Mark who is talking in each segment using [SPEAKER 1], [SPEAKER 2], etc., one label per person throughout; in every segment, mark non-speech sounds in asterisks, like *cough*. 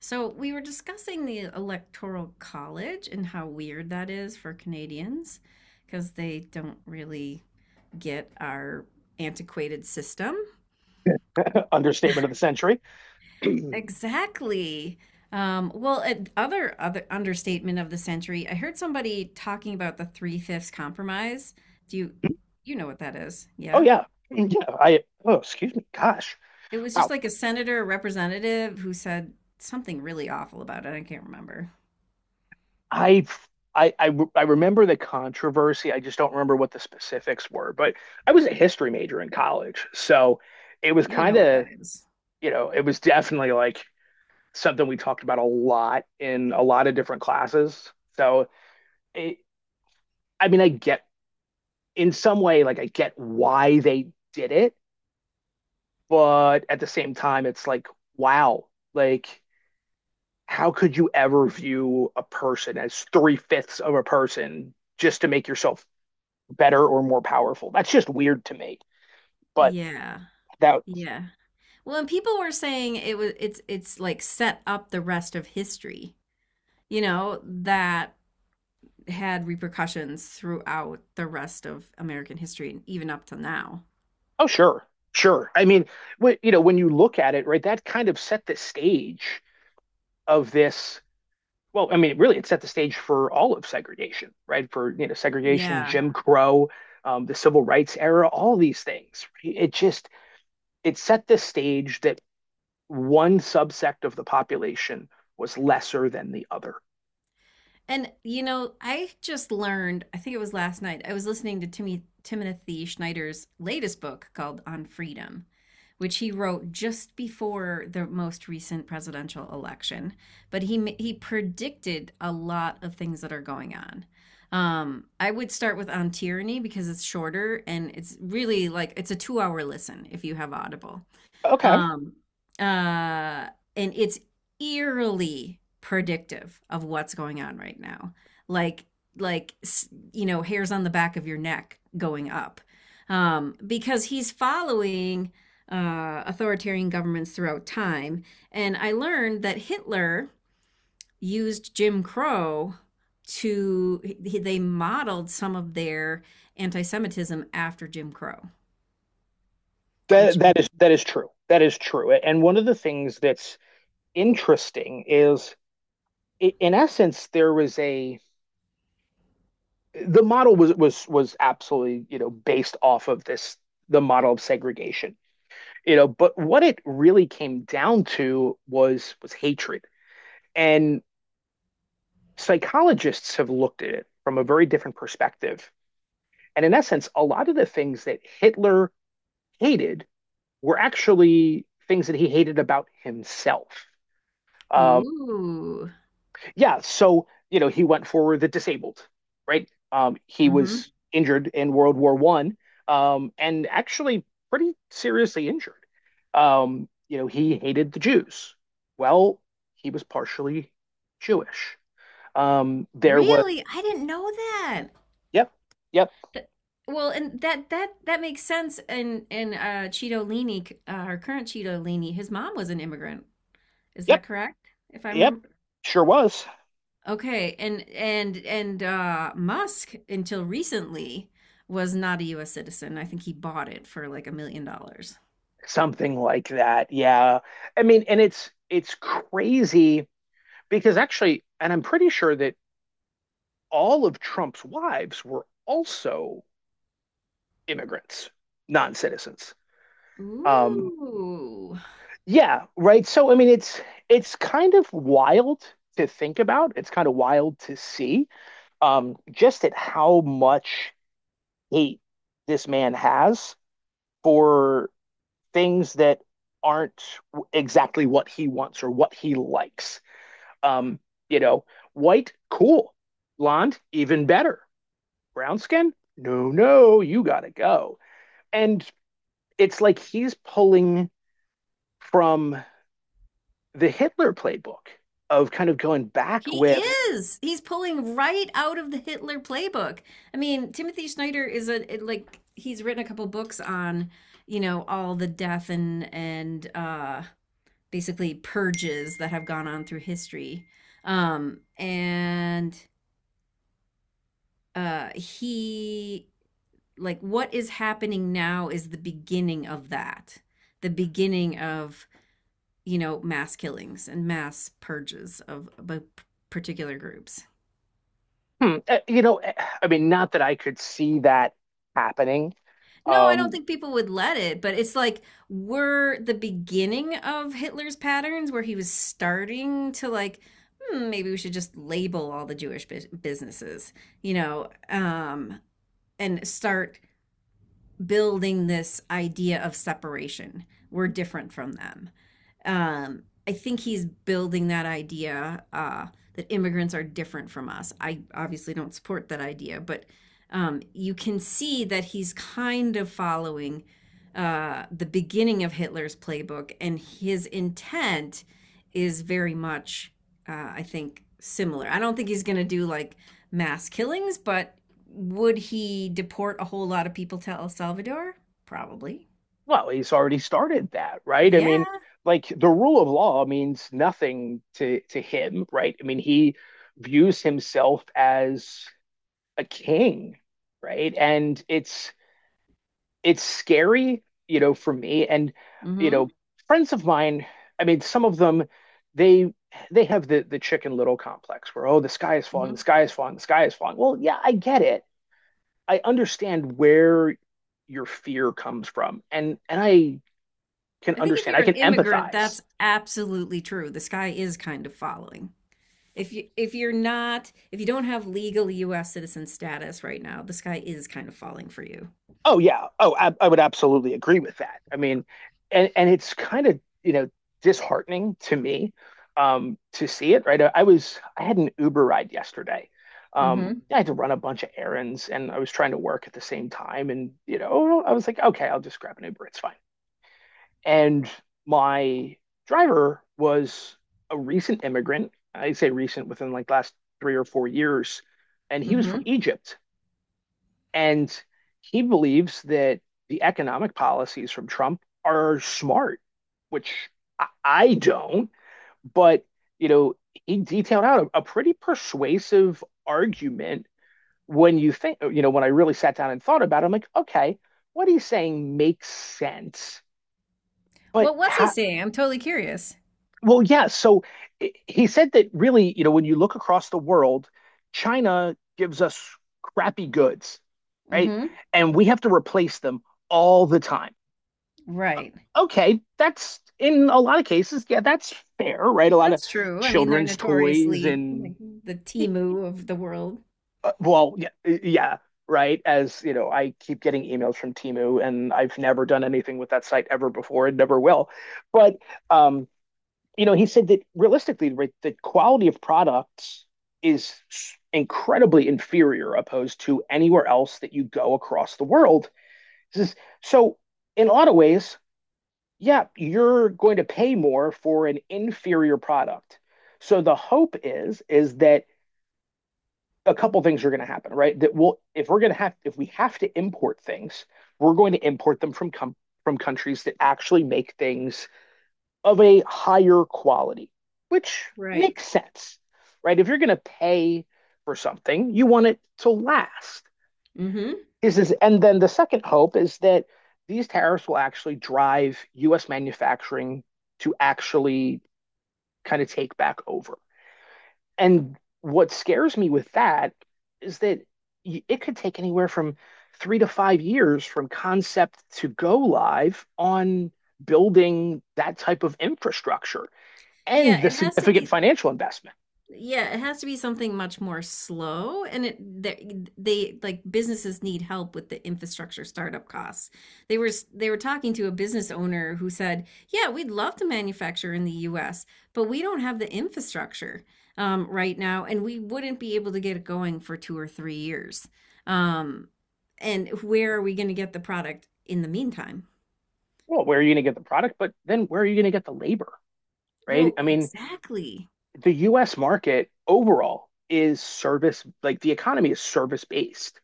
[SPEAKER 1] So we were discussing the Electoral College and how weird that is for Canadians because they don't really get our antiquated system.
[SPEAKER 2] *laughs* Understatement of the century. *clears throat* oh
[SPEAKER 1] Exactly. Well, other understatement of the century. I heard somebody talking about the Three Fifths Compromise. Do you you know what that is? Yeah.
[SPEAKER 2] yeah, yeah. I oh excuse me. Gosh,
[SPEAKER 1] It was just
[SPEAKER 2] wow.
[SPEAKER 1] like a senator or representative who said something really awful about it. I can't remember.
[SPEAKER 2] I I remember the controversy. I just don't remember what the specifics were. But I was a history major in college, so it was
[SPEAKER 1] You
[SPEAKER 2] kind
[SPEAKER 1] know what
[SPEAKER 2] of
[SPEAKER 1] that is.
[SPEAKER 2] you know it was definitely like something we talked about a lot in a lot of different classes. So it, I mean, I get in some way like I get why they did it, but at the same time, it's like wow, like how could you ever view a person as three-fifths of a person just to make yourself better or more powerful? That's just weird to me. But
[SPEAKER 1] Yeah.
[SPEAKER 2] that,
[SPEAKER 1] Yeah. Well, and people were saying it was it's like set up the rest of history, you know, that had repercussions throughout the rest of American history and even up to now.
[SPEAKER 2] oh, sure, sure. I mean, you know, when you look at it, right, that kind of set the stage of this. Well, I mean, really, it set the stage for all of segregation, right? For, you know, segregation,
[SPEAKER 1] Yeah.
[SPEAKER 2] Jim Crow, the civil rights era, all these things, right? It set the stage that one subsect of the population was lesser than the other.
[SPEAKER 1] And you know, I just learned, I think it was last night, I was listening to Timmy Timothy Schneider's latest book called On Freedom, which he wrote just before the most recent presidential election, but he predicted a lot of things that are going on. I would start with On Tyranny because it's shorter and it's really like it's a 2-hour listen if you have Audible.
[SPEAKER 2] Okay.
[SPEAKER 1] Um, uh, and it's eerily predictive of what's going on right now. Like, you know, hairs on the back of your neck going up, because he's following authoritarian governments throughout time. And I learned that Hitler used Jim Crow to they modeled some of their anti-Semitism after Jim Crow,
[SPEAKER 2] That
[SPEAKER 1] which
[SPEAKER 2] that is that is true. That is true. And one of the things that's interesting is in essence there was a the model was was absolutely, you know, based off of this the model of segregation. You know, but what it really came down to was hatred. And psychologists have looked at it from a very different perspective. And in essence, a lot of the things that Hitler hated were actually things that he hated about himself. Um,
[SPEAKER 1] ooh.
[SPEAKER 2] yeah, so you know he went for the disabled, right? He
[SPEAKER 1] Mm-hmm.
[SPEAKER 2] was injured in World War One, and actually pretty seriously injured. You know, he hated the Jews. Well, he was partially Jewish. There was
[SPEAKER 1] Really? I didn't know that.
[SPEAKER 2] yep, yep,
[SPEAKER 1] That- Well, and that makes sense. And Cheeto Leahy, our current Cheeto Leahy, his mom was an immigrant. Is
[SPEAKER 2] yep,
[SPEAKER 1] that correct? If I
[SPEAKER 2] yep,
[SPEAKER 1] remember.
[SPEAKER 2] sure was
[SPEAKER 1] Okay, and Musk until recently was not a U.S. citizen. I think he bought it for like $1 million.
[SPEAKER 2] something like that. Yeah, I mean, and it's crazy because actually, and I'm pretty sure that all of Trump's wives were also immigrants, non citizens. Um,
[SPEAKER 1] Ooh,
[SPEAKER 2] yeah, right. So I mean, it's kind of wild to think about. It's kind of wild to see just at how much hate this man has for things that aren't exactly what he wants or what he likes. Um, you know, white, cool. Blonde, even better. Brown skin, no, no, you gotta go. And it's like he's pulling from the Hitler playbook of kind of going back
[SPEAKER 1] he
[SPEAKER 2] with,
[SPEAKER 1] is. He's pulling right out of the Hitler playbook. I mean, Timothy Snyder is a like he's written a couple books on, you know, all the death and basically purges that have gone on through history. And he like what is happening now is the beginning of that. The beginning of, you know, mass killings and mass purges of particular groups.
[SPEAKER 2] hmm, uh, you know, uh, I mean, not that I could see that happening.
[SPEAKER 1] No, I don't
[SPEAKER 2] Um,
[SPEAKER 1] think people would let it, but it's like we're the beginning of Hitler's patterns where he was starting to like, hmm, maybe we should just label all the Jewish businesses, you know, and start building this idea of separation. We're different from them. I think he's building that idea, that immigrants are different from us. I obviously don't support that idea, but you can see that he's kind of following the beginning of Hitler's playbook, and his intent is very much, I think, similar. I don't think he's going to do like mass killings, but would he deport a whole lot of people to El Salvador? Probably.
[SPEAKER 2] well, he's already started that, right? I mean,
[SPEAKER 1] Yeah.
[SPEAKER 2] like the rule of law means nothing to him, right? I mean, he views himself as a king, right? And it's scary, you know, for me. And, you
[SPEAKER 1] Hmm.
[SPEAKER 2] know, friends of mine, I mean, some of them, they they have the Chicken Little complex where, oh, the sky is falling, the
[SPEAKER 1] Hmm.
[SPEAKER 2] sky is falling, the sky is falling. Well, yeah, I get it. I understand where your fear comes from. And I can
[SPEAKER 1] I think if
[SPEAKER 2] understand.
[SPEAKER 1] you're
[SPEAKER 2] I
[SPEAKER 1] an
[SPEAKER 2] can
[SPEAKER 1] immigrant,
[SPEAKER 2] empathize.
[SPEAKER 1] that's absolutely true. The sky is kind of falling. If you're not, if you don't have legal US citizen status right now, the sky is kind of falling for you.
[SPEAKER 2] Oh yeah. Oh, I would absolutely agree with that. I mean, and it's kind of, you know, disheartening to me to see it, right? I was I had an Uber ride yesterday.
[SPEAKER 1] Mm-hmm.
[SPEAKER 2] I had to run a bunch of errands and I was trying to work at the same time and, you know, I was like, okay, I'll just grab an Uber, it's fine. And my driver was a recent immigrant. I say recent within like last 3 or 4 years, and he was
[SPEAKER 1] Mm-hmm.
[SPEAKER 2] from Egypt. And he believes that the economic policies from Trump are smart, which I don't. But, you know, he detailed out a pretty persuasive argument when you think, you know, when I really sat down and thought about it, I'm like, okay, what he's saying makes sense. But
[SPEAKER 1] What was he
[SPEAKER 2] how,
[SPEAKER 1] saying? I'm totally curious.
[SPEAKER 2] Well, yeah. So he said that really, you know, when you look across the world, China gives us crappy goods, right?
[SPEAKER 1] Mm-hmm.
[SPEAKER 2] And we have to replace them all the time.
[SPEAKER 1] Right.
[SPEAKER 2] Okay, that's in a lot of cases, yeah, that's fair, right? A lot of
[SPEAKER 1] That's true. I mean, they're
[SPEAKER 2] children's toys
[SPEAKER 1] notoriously
[SPEAKER 2] and
[SPEAKER 1] like the
[SPEAKER 2] e,
[SPEAKER 1] Timu of the world.
[SPEAKER 2] well, yeah, right. As you know, I keep getting emails from Timu, and I've never done anything with that site ever before, and never will. But um, you know, he said that realistically, right, the quality of products is incredibly inferior opposed to anywhere else that you go across the world. This is, so, in a lot of ways, yeah, you're going to pay more for an inferior product. So the hope is that a couple things are going to happen, right? That we'll if we're going to have if we have to import things, we're going to import them from countries that actually make things of a higher quality, which
[SPEAKER 1] Right.
[SPEAKER 2] makes sense, right? If you're going to pay for something, you want it to last.
[SPEAKER 1] Mm-hmm.
[SPEAKER 2] And then the second hope is that these tariffs will actually drive US manufacturing to actually kind of take back over. And what scares me with that is that it could take anywhere from 3 to 5 years from concept to go live on building that type of infrastructure
[SPEAKER 1] Yeah,
[SPEAKER 2] and the
[SPEAKER 1] it has to
[SPEAKER 2] significant
[SPEAKER 1] be
[SPEAKER 2] financial investment.
[SPEAKER 1] Yeah, it has to be something much more slow and they like businesses need help with the infrastructure startup costs. They were talking to a business owner who said, "Yeah, we'd love to manufacture in the US, but we don't have the infrastructure right now and we wouldn't be able to get it going for 2 or 3 years." Um, and where are we going to get the product in the meantime?
[SPEAKER 2] Well, where are you going to get the product? But then where are you going to get the labor? Right.
[SPEAKER 1] Well,
[SPEAKER 2] I mean,
[SPEAKER 1] exactly.
[SPEAKER 2] the US market overall is service, like the economy is service based,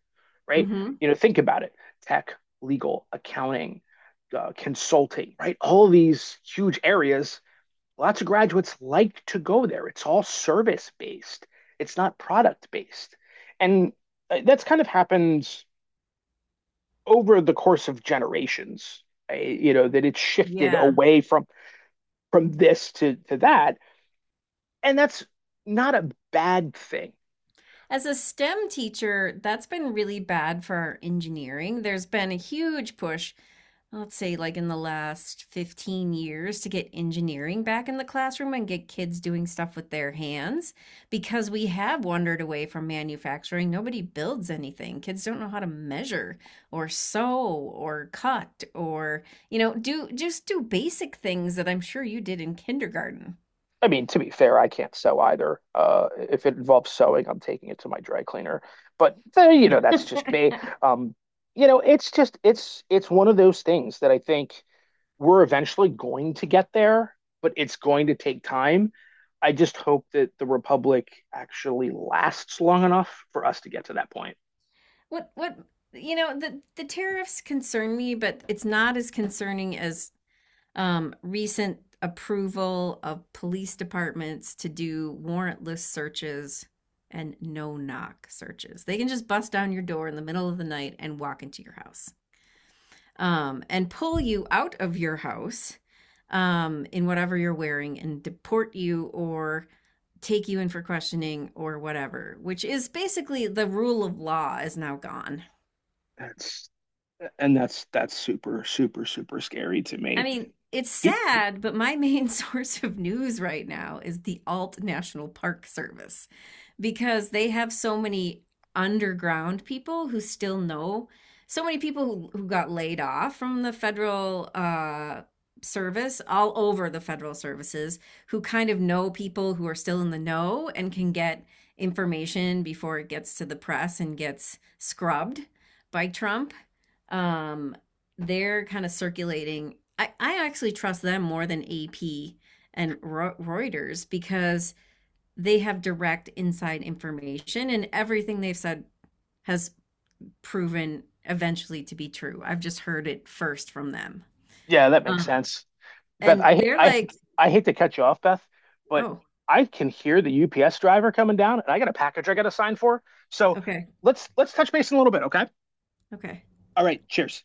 [SPEAKER 2] right?
[SPEAKER 1] Mhm.
[SPEAKER 2] You know, think about it tech, legal, accounting, consulting, right? All these huge areas, lots of graduates like to go there. It's all service based, it's not product based. And that's kind of happened over the course of generations. You know that it's shifted
[SPEAKER 1] Yeah.
[SPEAKER 2] away from this to that, and that's not a bad thing.
[SPEAKER 1] As a STEM teacher, that's been really bad for our engineering. There's been a huge push, let's say like in the last 15 years, to get engineering back in the classroom and get kids doing stuff with their hands because we have wandered away from manufacturing. Nobody builds anything. Kids don't know how to measure or sew or cut or, you know, do just do basic things that I'm sure you did in kindergarten.
[SPEAKER 2] I mean, to be fair, I can't sew either. If it involves sewing, I'm taking it to my dry cleaner. But you know, that's just me. Um, you know, it's just it's one of those things that I think we're eventually going to get there, but it's going to take time. I just hope that the Republic actually lasts long enough for us to get to that point.
[SPEAKER 1] What you know the tariffs concern me, but it's not as concerning as recent approval of police departments to do warrantless searches and no knock searches. They can just bust down your door in the middle of the night and walk into your house and pull you out of your house in whatever you're wearing and deport you or take you in for questioning or whatever, which is basically the rule of law is now gone.
[SPEAKER 2] That's and that's that's super super super scary to
[SPEAKER 1] I
[SPEAKER 2] me.
[SPEAKER 1] mean, it's
[SPEAKER 2] Do-
[SPEAKER 1] sad, but my *laughs* main source of news right now is the Alt National Park Service because they have so many underground people who still know so many people who got laid off from the federal service all over the federal services who kind of know people who are still in the know and can get information before it gets to the press and gets scrubbed by Trump um, they're kind of circulating. I actually trust them more than AP and Reuters because they have direct inside information and everything they've said has proven eventually to be true. I've just heard it first from them.
[SPEAKER 2] Yeah, that makes
[SPEAKER 1] Um,
[SPEAKER 2] sense. Beth,
[SPEAKER 1] and
[SPEAKER 2] I
[SPEAKER 1] they're
[SPEAKER 2] I
[SPEAKER 1] like,
[SPEAKER 2] I hate to cut you off, Beth, but
[SPEAKER 1] oh,
[SPEAKER 2] I can hear the UPS driver coming down, and I got a package I got to sign for. So
[SPEAKER 1] okay,
[SPEAKER 2] let's touch base in a little bit, okay?
[SPEAKER 1] okay.
[SPEAKER 2] All right, cheers.